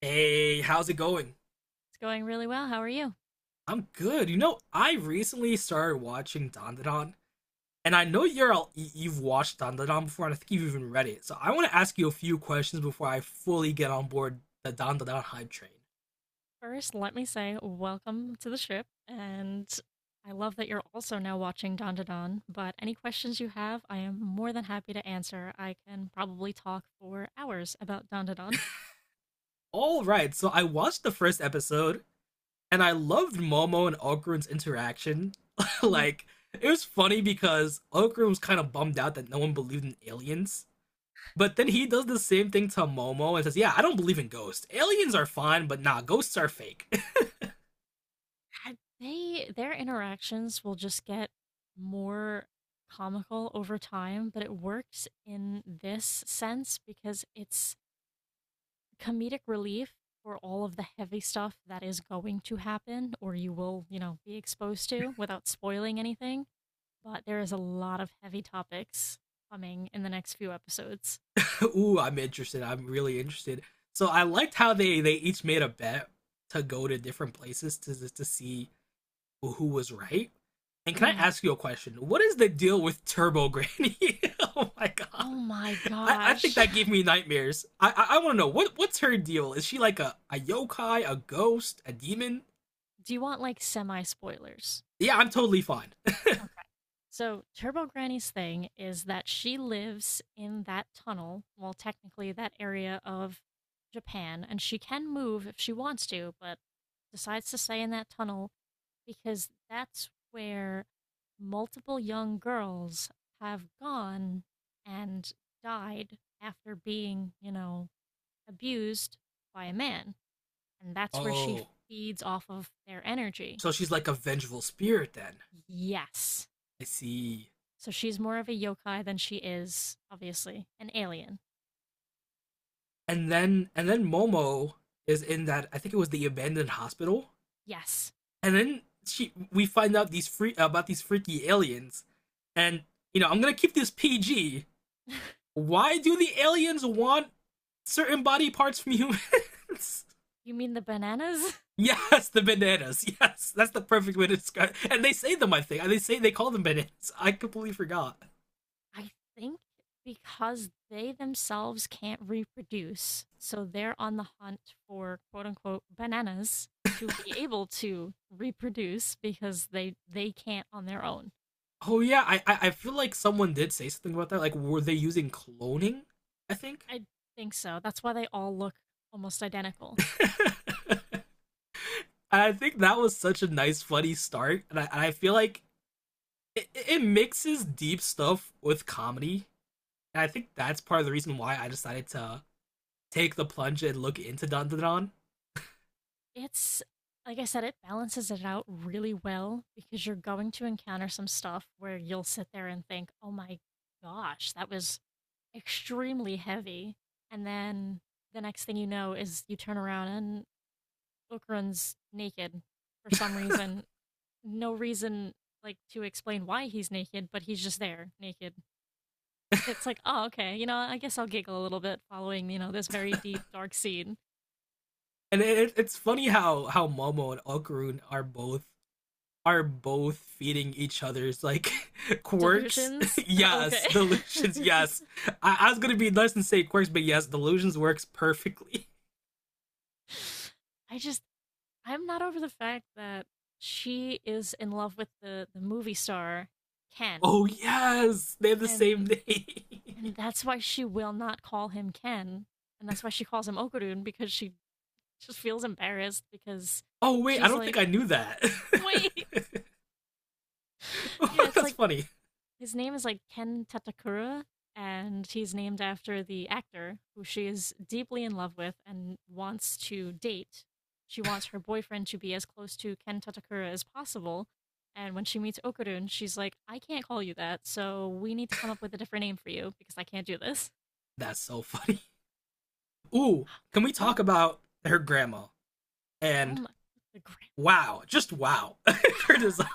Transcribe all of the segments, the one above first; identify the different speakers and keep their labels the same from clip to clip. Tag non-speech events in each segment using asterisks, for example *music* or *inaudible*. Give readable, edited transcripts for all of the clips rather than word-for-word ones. Speaker 1: Hey, how's it going?
Speaker 2: It's going really well. How are you?
Speaker 1: I'm good. I recently started watching Dandadan, and I know you've watched Dandadan before, and I think you've even read it. So I want to ask you a few questions before I fully get on board the Dandadan hype train.
Speaker 2: First, let me say welcome to the ship. And I love that you're also now watching Don to Don. But any questions you have, I am more than happy to answer. I can probably talk for hours about Don to Don.
Speaker 1: All right, so I watched the first episode, and I loved Momo and Okrun's interaction. *laughs*
Speaker 2: Mhm.
Speaker 1: Like, it was funny because Okrun was kind of bummed out that no one believed in aliens. But then he does the same thing to Momo and says, "Yeah, I don't believe in ghosts. Aliens are fine, but nah, ghosts are fake."
Speaker 2: They their interactions will just get more comical over time, but it works in this sense because it's comedic relief for all of the heavy stuff that is going to happen or you will, you know, be exposed to without spoiling anything. But there is a lot of heavy topics coming in the next few episodes.
Speaker 1: *laughs* Ooh, I'm interested. I'm really interested. So I liked how they each made a bet to go to different places to see who was right. And can I
Speaker 2: Mhm.
Speaker 1: ask you a question? What is the deal with Turbo Granny? *laughs* Oh my god.
Speaker 2: Oh my
Speaker 1: I think
Speaker 2: gosh.
Speaker 1: that gave
Speaker 2: *laughs*
Speaker 1: me nightmares. I want to know what's her deal? Is she like a yokai, a ghost, a demon?
Speaker 2: Do you want like semi spoilers?
Speaker 1: Yeah, I'm totally fine.
Speaker 2: Okay. So, Turbo Granny's thing is that she lives in that tunnel, well, technically that area of Japan, and she can move if she wants to, but decides to stay in that tunnel because that's where multiple young girls have gone and died after being, you know, abused by a man. And
Speaker 1: *laughs*
Speaker 2: that's where she
Speaker 1: Oh.
Speaker 2: feeds off of their energy.
Speaker 1: So she's like a vengeful spirit then.
Speaker 2: Yes.
Speaker 1: I see.
Speaker 2: So she's more of a yokai than she is, obviously, an alien.
Speaker 1: And then Momo is in that, I think it was the abandoned hospital.
Speaker 2: Yes.
Speaker 1: And then she we find out these free about these freaky aliens. And I'm going to keep this PG.
Speaker 2: *laughs*
Speaker 1: Why do the aliens want certain body parts from humans?
Speaker 2: You mean the bananas? *laughs*
Speaker 1: *laughs* Yes, the bananas. Yes, that's the perfect way to describe it. And they say them, I think. They say they call them bananas. *laughs* I completely forgot.
Speaker 2: I think because they themselves can't reproduce, so they're on the hunt for quote unquote bananas to be able to reproduce because they can't on their own.
Speaker 1: Oh yeah, I feel like someone did say something about that. Like, were they using cloning? I think.
Speaker 2: I think so. That's why they all look almost identical.
Speaker 1: *laughs* And I think that was such a nice, funny start, and I feel like it mixes deep stuff with comedy, and I think that's part of the reason why I decided to take the plunge and look into Dandadan.
Speaker 2: It's like I said, it balances it out really well because you're going to encounter some stuff where you'll sit there and think, oh my gosh, that was extremely heavy. And then the next thing you know is you turn around and Okrun's naked for some reason. No reason like to explain why he's naked, but he's just there naked. *laughs* And it's like, oh, okay, you know, I guess I'll giggle a little bit following, you know, this very deep, dark scene.
Speaker 1: And it's funny how Momo and Okurun are both feeding each other's, like, *laughs* quirks.
Speaker 2: Delusions?
Speaker 1: *laughs*
Speaker 2: Oh,
Speaker 1: Yes,
Speaker 2: okay.
Speaker 1: delusions. Yes,
Speaker 2: *laughs*
Speaker 1: I was gonna be nice and say quirks, but yes, delusions works perfectly. *laughs*
Speaker 2: I just, I'm not over the fact that she is in love with the movie star, Ken.
Speaker 1: Oh yes, they have the same
Speaker 2: And,
Speaker 1: name.
Speaker 2: and that's why she will not call him Ken. And that's why she calls him Okurun, because she just feels embarrassed because
Speaker 1: *laughs* Oh wait, I
Speaker 2: she's
Speaker 1: don't
Speaker 2: like,
Speaker 1: think I knew that.
Speaker 2: *laughs* wait. Yeah,
Speaker 1: *laughs*
Speaker 2: it's
Speaker 1: That's
Speaker 2: like
Speaker 1: funny.
Speaker 2: his name is like Ken Tatakura, and he's named after the actor who she is deeply in love with and wants to date. She wants her boyfriend to be as close to Ken Tatakura as possible. And when she meets Okurun, she's like, I can't call you that, so we need to come up with a different name for you because I can't do this.
Speaker 1: That's so funny. Ooh,
Speaker 2: *gasps*
Speaker 1: can we
Speaker 2: Yeah.
Speaker 1: talk about her grandma?
Speaker 2: Oh
Speaker 1: And
Speaker 2: my the grand
Speaker 1: wow, just wow, *laughs* her
Speaker 2: *laughs*
Speaker 1: design.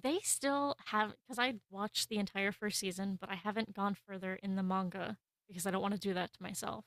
Speaker 2: They still have because I watched the entire first season, but I haven't gone further in the manga because I don't want to do that to myself.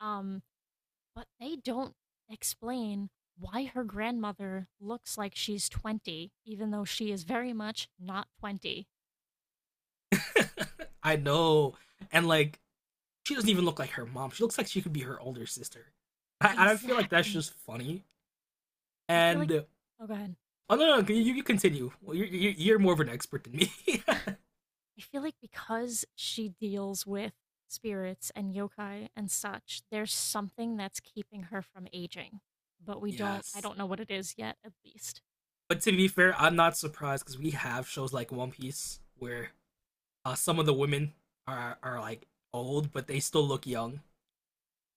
Speaker 2: Um, but they don't explain why her grandmother looks like she's 20, even though she is very much not 20.
Speaker 1: *laughs* I know, and like she doesn't even look like her mom. She looks like she could be her older sister. I feel like that's just
Speaker 2: Exactly.
Speaker 1: funny.
Speaker 2: I feel like,
Speaker 1: And
Speaker 2: oh, go ahead.
Speaker 1: oh no, no, you continue. Well, you're more of an expert than me.
Speaker 2: I feel like because she deals with spirits and yokai and such, there's something that's keeping her from aging. But
Speaker 1: *laughs*
Speaker 2: we don't, I
Speaker 1: Yes,
Speaker 2: don't know what it is yet, at least.
Speaker 1: but to be fair, I'm not surprised because we have shows like One Piece where some of the women are like old, but they still look young.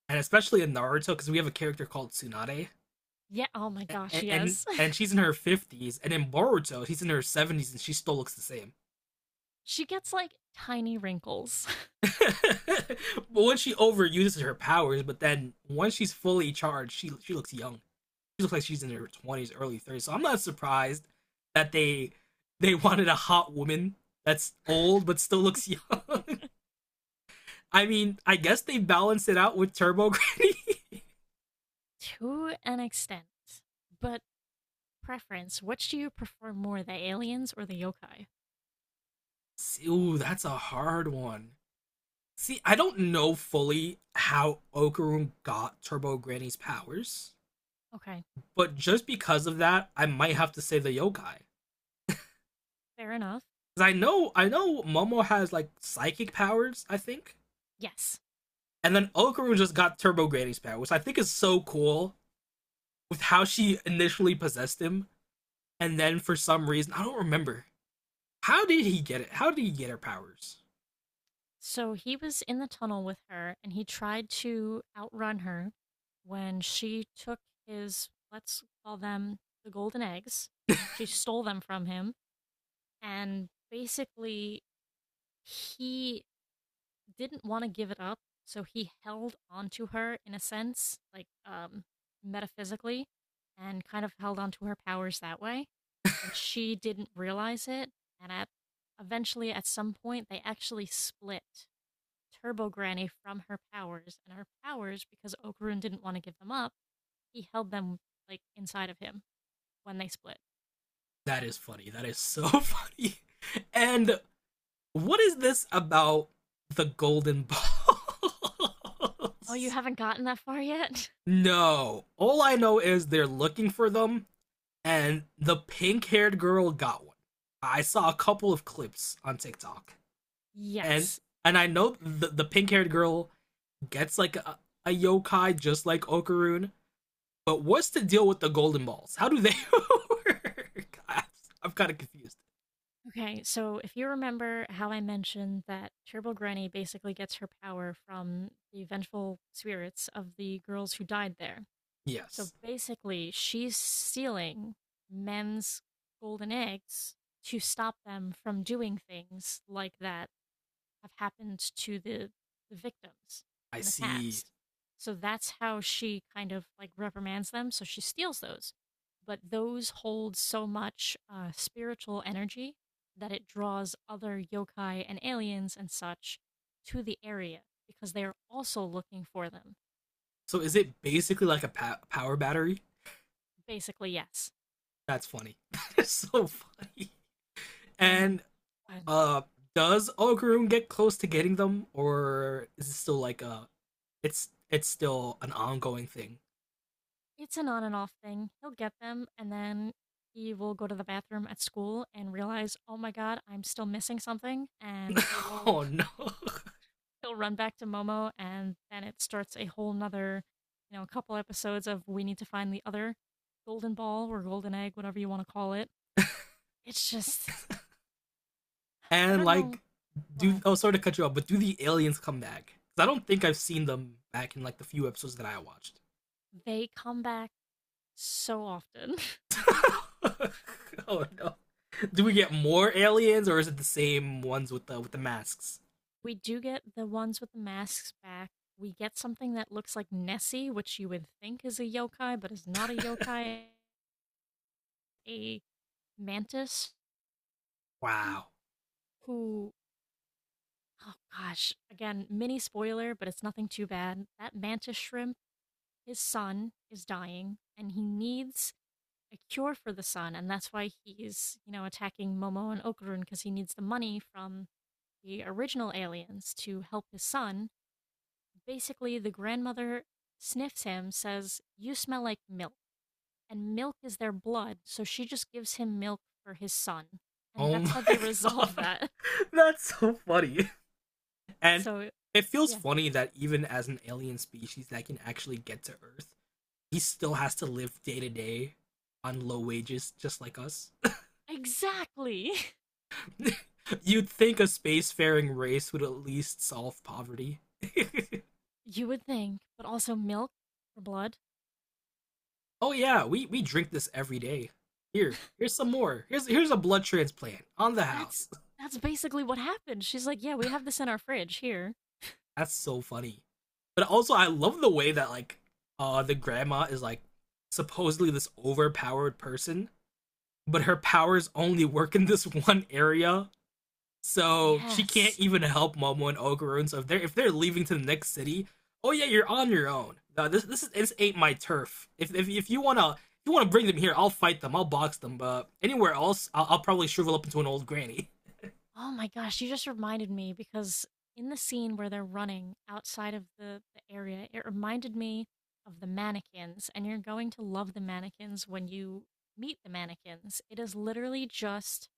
Speaker 1: And especially in Naruto, because we have a character called Tsunade,
Speaker 2: Yeah. Oh my gosh.
Speaker 1: and and,
Speaker 2: Yes.
Speaker 1: and she's in her 50s, and in Boruto, she's in her 70s, and she still looks the same.
Speaker 2: *laughs* She gets like tiny wrinkles.
Speaker 1: *laughs* But once she overuses her powers, but then once she's fully charged, she looks young. She looks like she's in her 20s, early 30s. So I'm not surprised that they wanted a hot woman that's old but still looks young. *laughs* I mean, I guess they balanced it out with Turbo Granny. *laughs*
Speaker 2: *laughs* To an extent. But preference, which do you prefer more, the aliens or the yokai?
Speaker 1: Ooh, that's a hard one. See, I don't know fully how Okarum got Turbo Granny's powers,
Speaker 2: Okay.
Speaker 1: but just because of that, I might have to say the yokai.
Speaker 2: Fair enough.
Speaker 1: Cause I know Momo has like psychic powers, I think.
Speaker 2: Yes.
Speaker 1: And then Okaru just got Turbo Granny's power, which I think is so cool with how she initially possessed him. And then for some reason, I don't remember. How did he get it? How did he get her powers?
Speaker 2: So he was in the tunnel with her and he tried to outrun her when she took his, let's call them the golden eggs. She stole them from him and basically he didn't want to give it up, so he held onto her in a sense, like metaphysically, and kind of held onto her powers that way. And she didn't realize it. And at Eventually, at some point, they actually split Turbo Granny from her powers, and her powers, because Okarun didn't want to give them up, he held them like inside of him when they split.
Speaker 1: That is funny. That is so *laughs* funny. And what is this about the golden balls?
Speaker 2: Oh, you haven't gotten that far yet?
Speaker 1: *laughs* No. All I know is they're looking for them and the pink haired girl got one. I saw a couple of clips on TikTok,
Speaker 2: *laughs*
Speaker 1: and
Speaker 2: Yes.
Speaker 1: I know the pink haired girl gets like a yokai just like Okaroon. But what's the deal with the golden balls? How do they *laughs* work? I'm kind of confused.
Speaker 2: Okay, so if you remember how I mentioned that Turbo Granny basically gets her power from the vengeful spirits of the girls who died there. So
Speaker 1: Yes,
Speaker 2: basically, she's stealing men's golden eggs to stop them from doing things like that have happened to the victims
Speaker 1: I
Speaker 2: in the
Speaker 1: see.
Speaker 2: past. So that's how she kind of like reprimands them. So she steals those. But those hold so much spiritual energy that it draws other yokai and aliens and such to the area because they are also looking for them.
Speaker 1: So is it basically like a power battery?
Speaker 2: Basically, yes.
Speaker 1: That's funny. *laughs* That's so funny.
Speaker 2: And
Speaker 1: And
Speaker 2: uh,
Speaker 1: uh, does Okaroon get close to getting them, or is it still like a it's still an ongoing thing.
Speaker 2: it's an on and off thing. He'll get them and then he will go to the bathroom at school and realize, oh my god, I'm still missing something. And
Speaker 1: *laughs* Oh no.
Speaker 2: he'll run back to Momo, and then it starts a whole nother, you know, a couple episodes of we need to find the other golden ball or golden egg, whatever you want to call it. It's just, I
Speaker 1: And
Speaker 2: don't
Speaker 1: like
Speaker 2: know
Speaker 1: do
Speaker 2: what.
Speaker 1: oh, sorry to cut you off, but do the aliens come back? 'Cause I don't think I've seen them back in like the few episodes that I watched.
Speaker 2: They come back so often. *laughs*
Speaker 1: *laughs* Oh no. Do we get more aliens or is it the same ones with the masks?
Speaker 2: We do get the ones with the masks back. We get something that looks like Nessie, which you would think is a yokai, but is not a yokai. A mantis
Speaker 1: Wow.
Speaker 2: who, oh gosh, again, mini spoiler, but it's nothing too bad. That mantis shrimp, his son is dying and he needs a cure for the son, and that's why he's, you know, attacking Momo and Okurun because he needs the money from the original aliens to help his son. Basically, the grandmother sniffs him, says you smell like milk, and milk is their blood, so she just gives him milk for his son, and
Speaker 1: Oh *laughs*
Speaker 2: that's how they *laughs*
Speaker 1: my
Speaker 2: resolve
Speaker 1: god.
Speaker 2: that.
Speaker 1: That's so funny. And
Speaker 2: So
Speaker 1: it feels
Speaker 2: yeah,
Speaker 1: funny that even as an alien species that can actually get to Earth he still has to live day to day on low wages, just like us.
Speaker 2: exactly.
Speaker 1: *laughs* You'd think a spacefaring race would at least solve poverty. *laughs*
Speaker 2: *laughs* You would think, but also milk for blood.
Speaker 1: Oh yeah, we drink this every day. Here, here's some more. Here's a blood transplant on the
Speaker 2: That's
Speaker 1: house.
Speaker 2: that's basically what happened. She's like, "Yeah, we have this in our fridge here."
Speaker 1: *laughs* That's so funny. But also, I love the way that like the grandma is like supposedly this overpowered person, but her powers only work in this *laughs* one area. So she can't
Speaker 2: Yes.
Speaker 1: even help Momo and Ogurun. So if they're leaving to the next city, oh yeah, you're on your own. This this is this ain't my turf. If you wanna bring them here, I'll fight them. I'll box them. But anywhere else, I'll probably shrivel up into an old granny. *laughs*
Speaker 2: Oh my gosh, you just reminded me because in the scene where they're running outside of the area, it reminded me of the mannequins, and you're going to love the mannequins when you meet the mannequins. It is literally just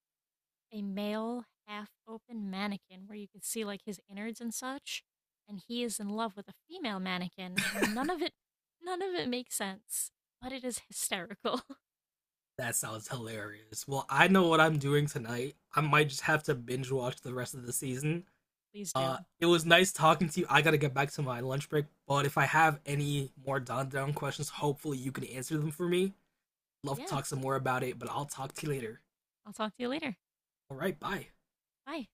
Speaker 2: a male half open mannequin where you can see like his innards and such, and he is in love with a female mannequin, and none of it makes sense, but it is hysterical.
Speaker 1: That sounds hilarious. Well, I know what I'm doing tonight. I might just have to binge watch the rest of the season.
Speaker 2: Please do.
Speaker 1: It was nice talking to you. I gotta get back to my lunch break, but if I have any more Don Don questions, hopefully you can answer them for me. Love to
Speaker 2: Yeah.
Speaker 1: talk some more about it, but I'll talk to you later.
Speaker 2: I'll talk to you later.
Speaker 1: All right, bye.
Speaker 2: Bye.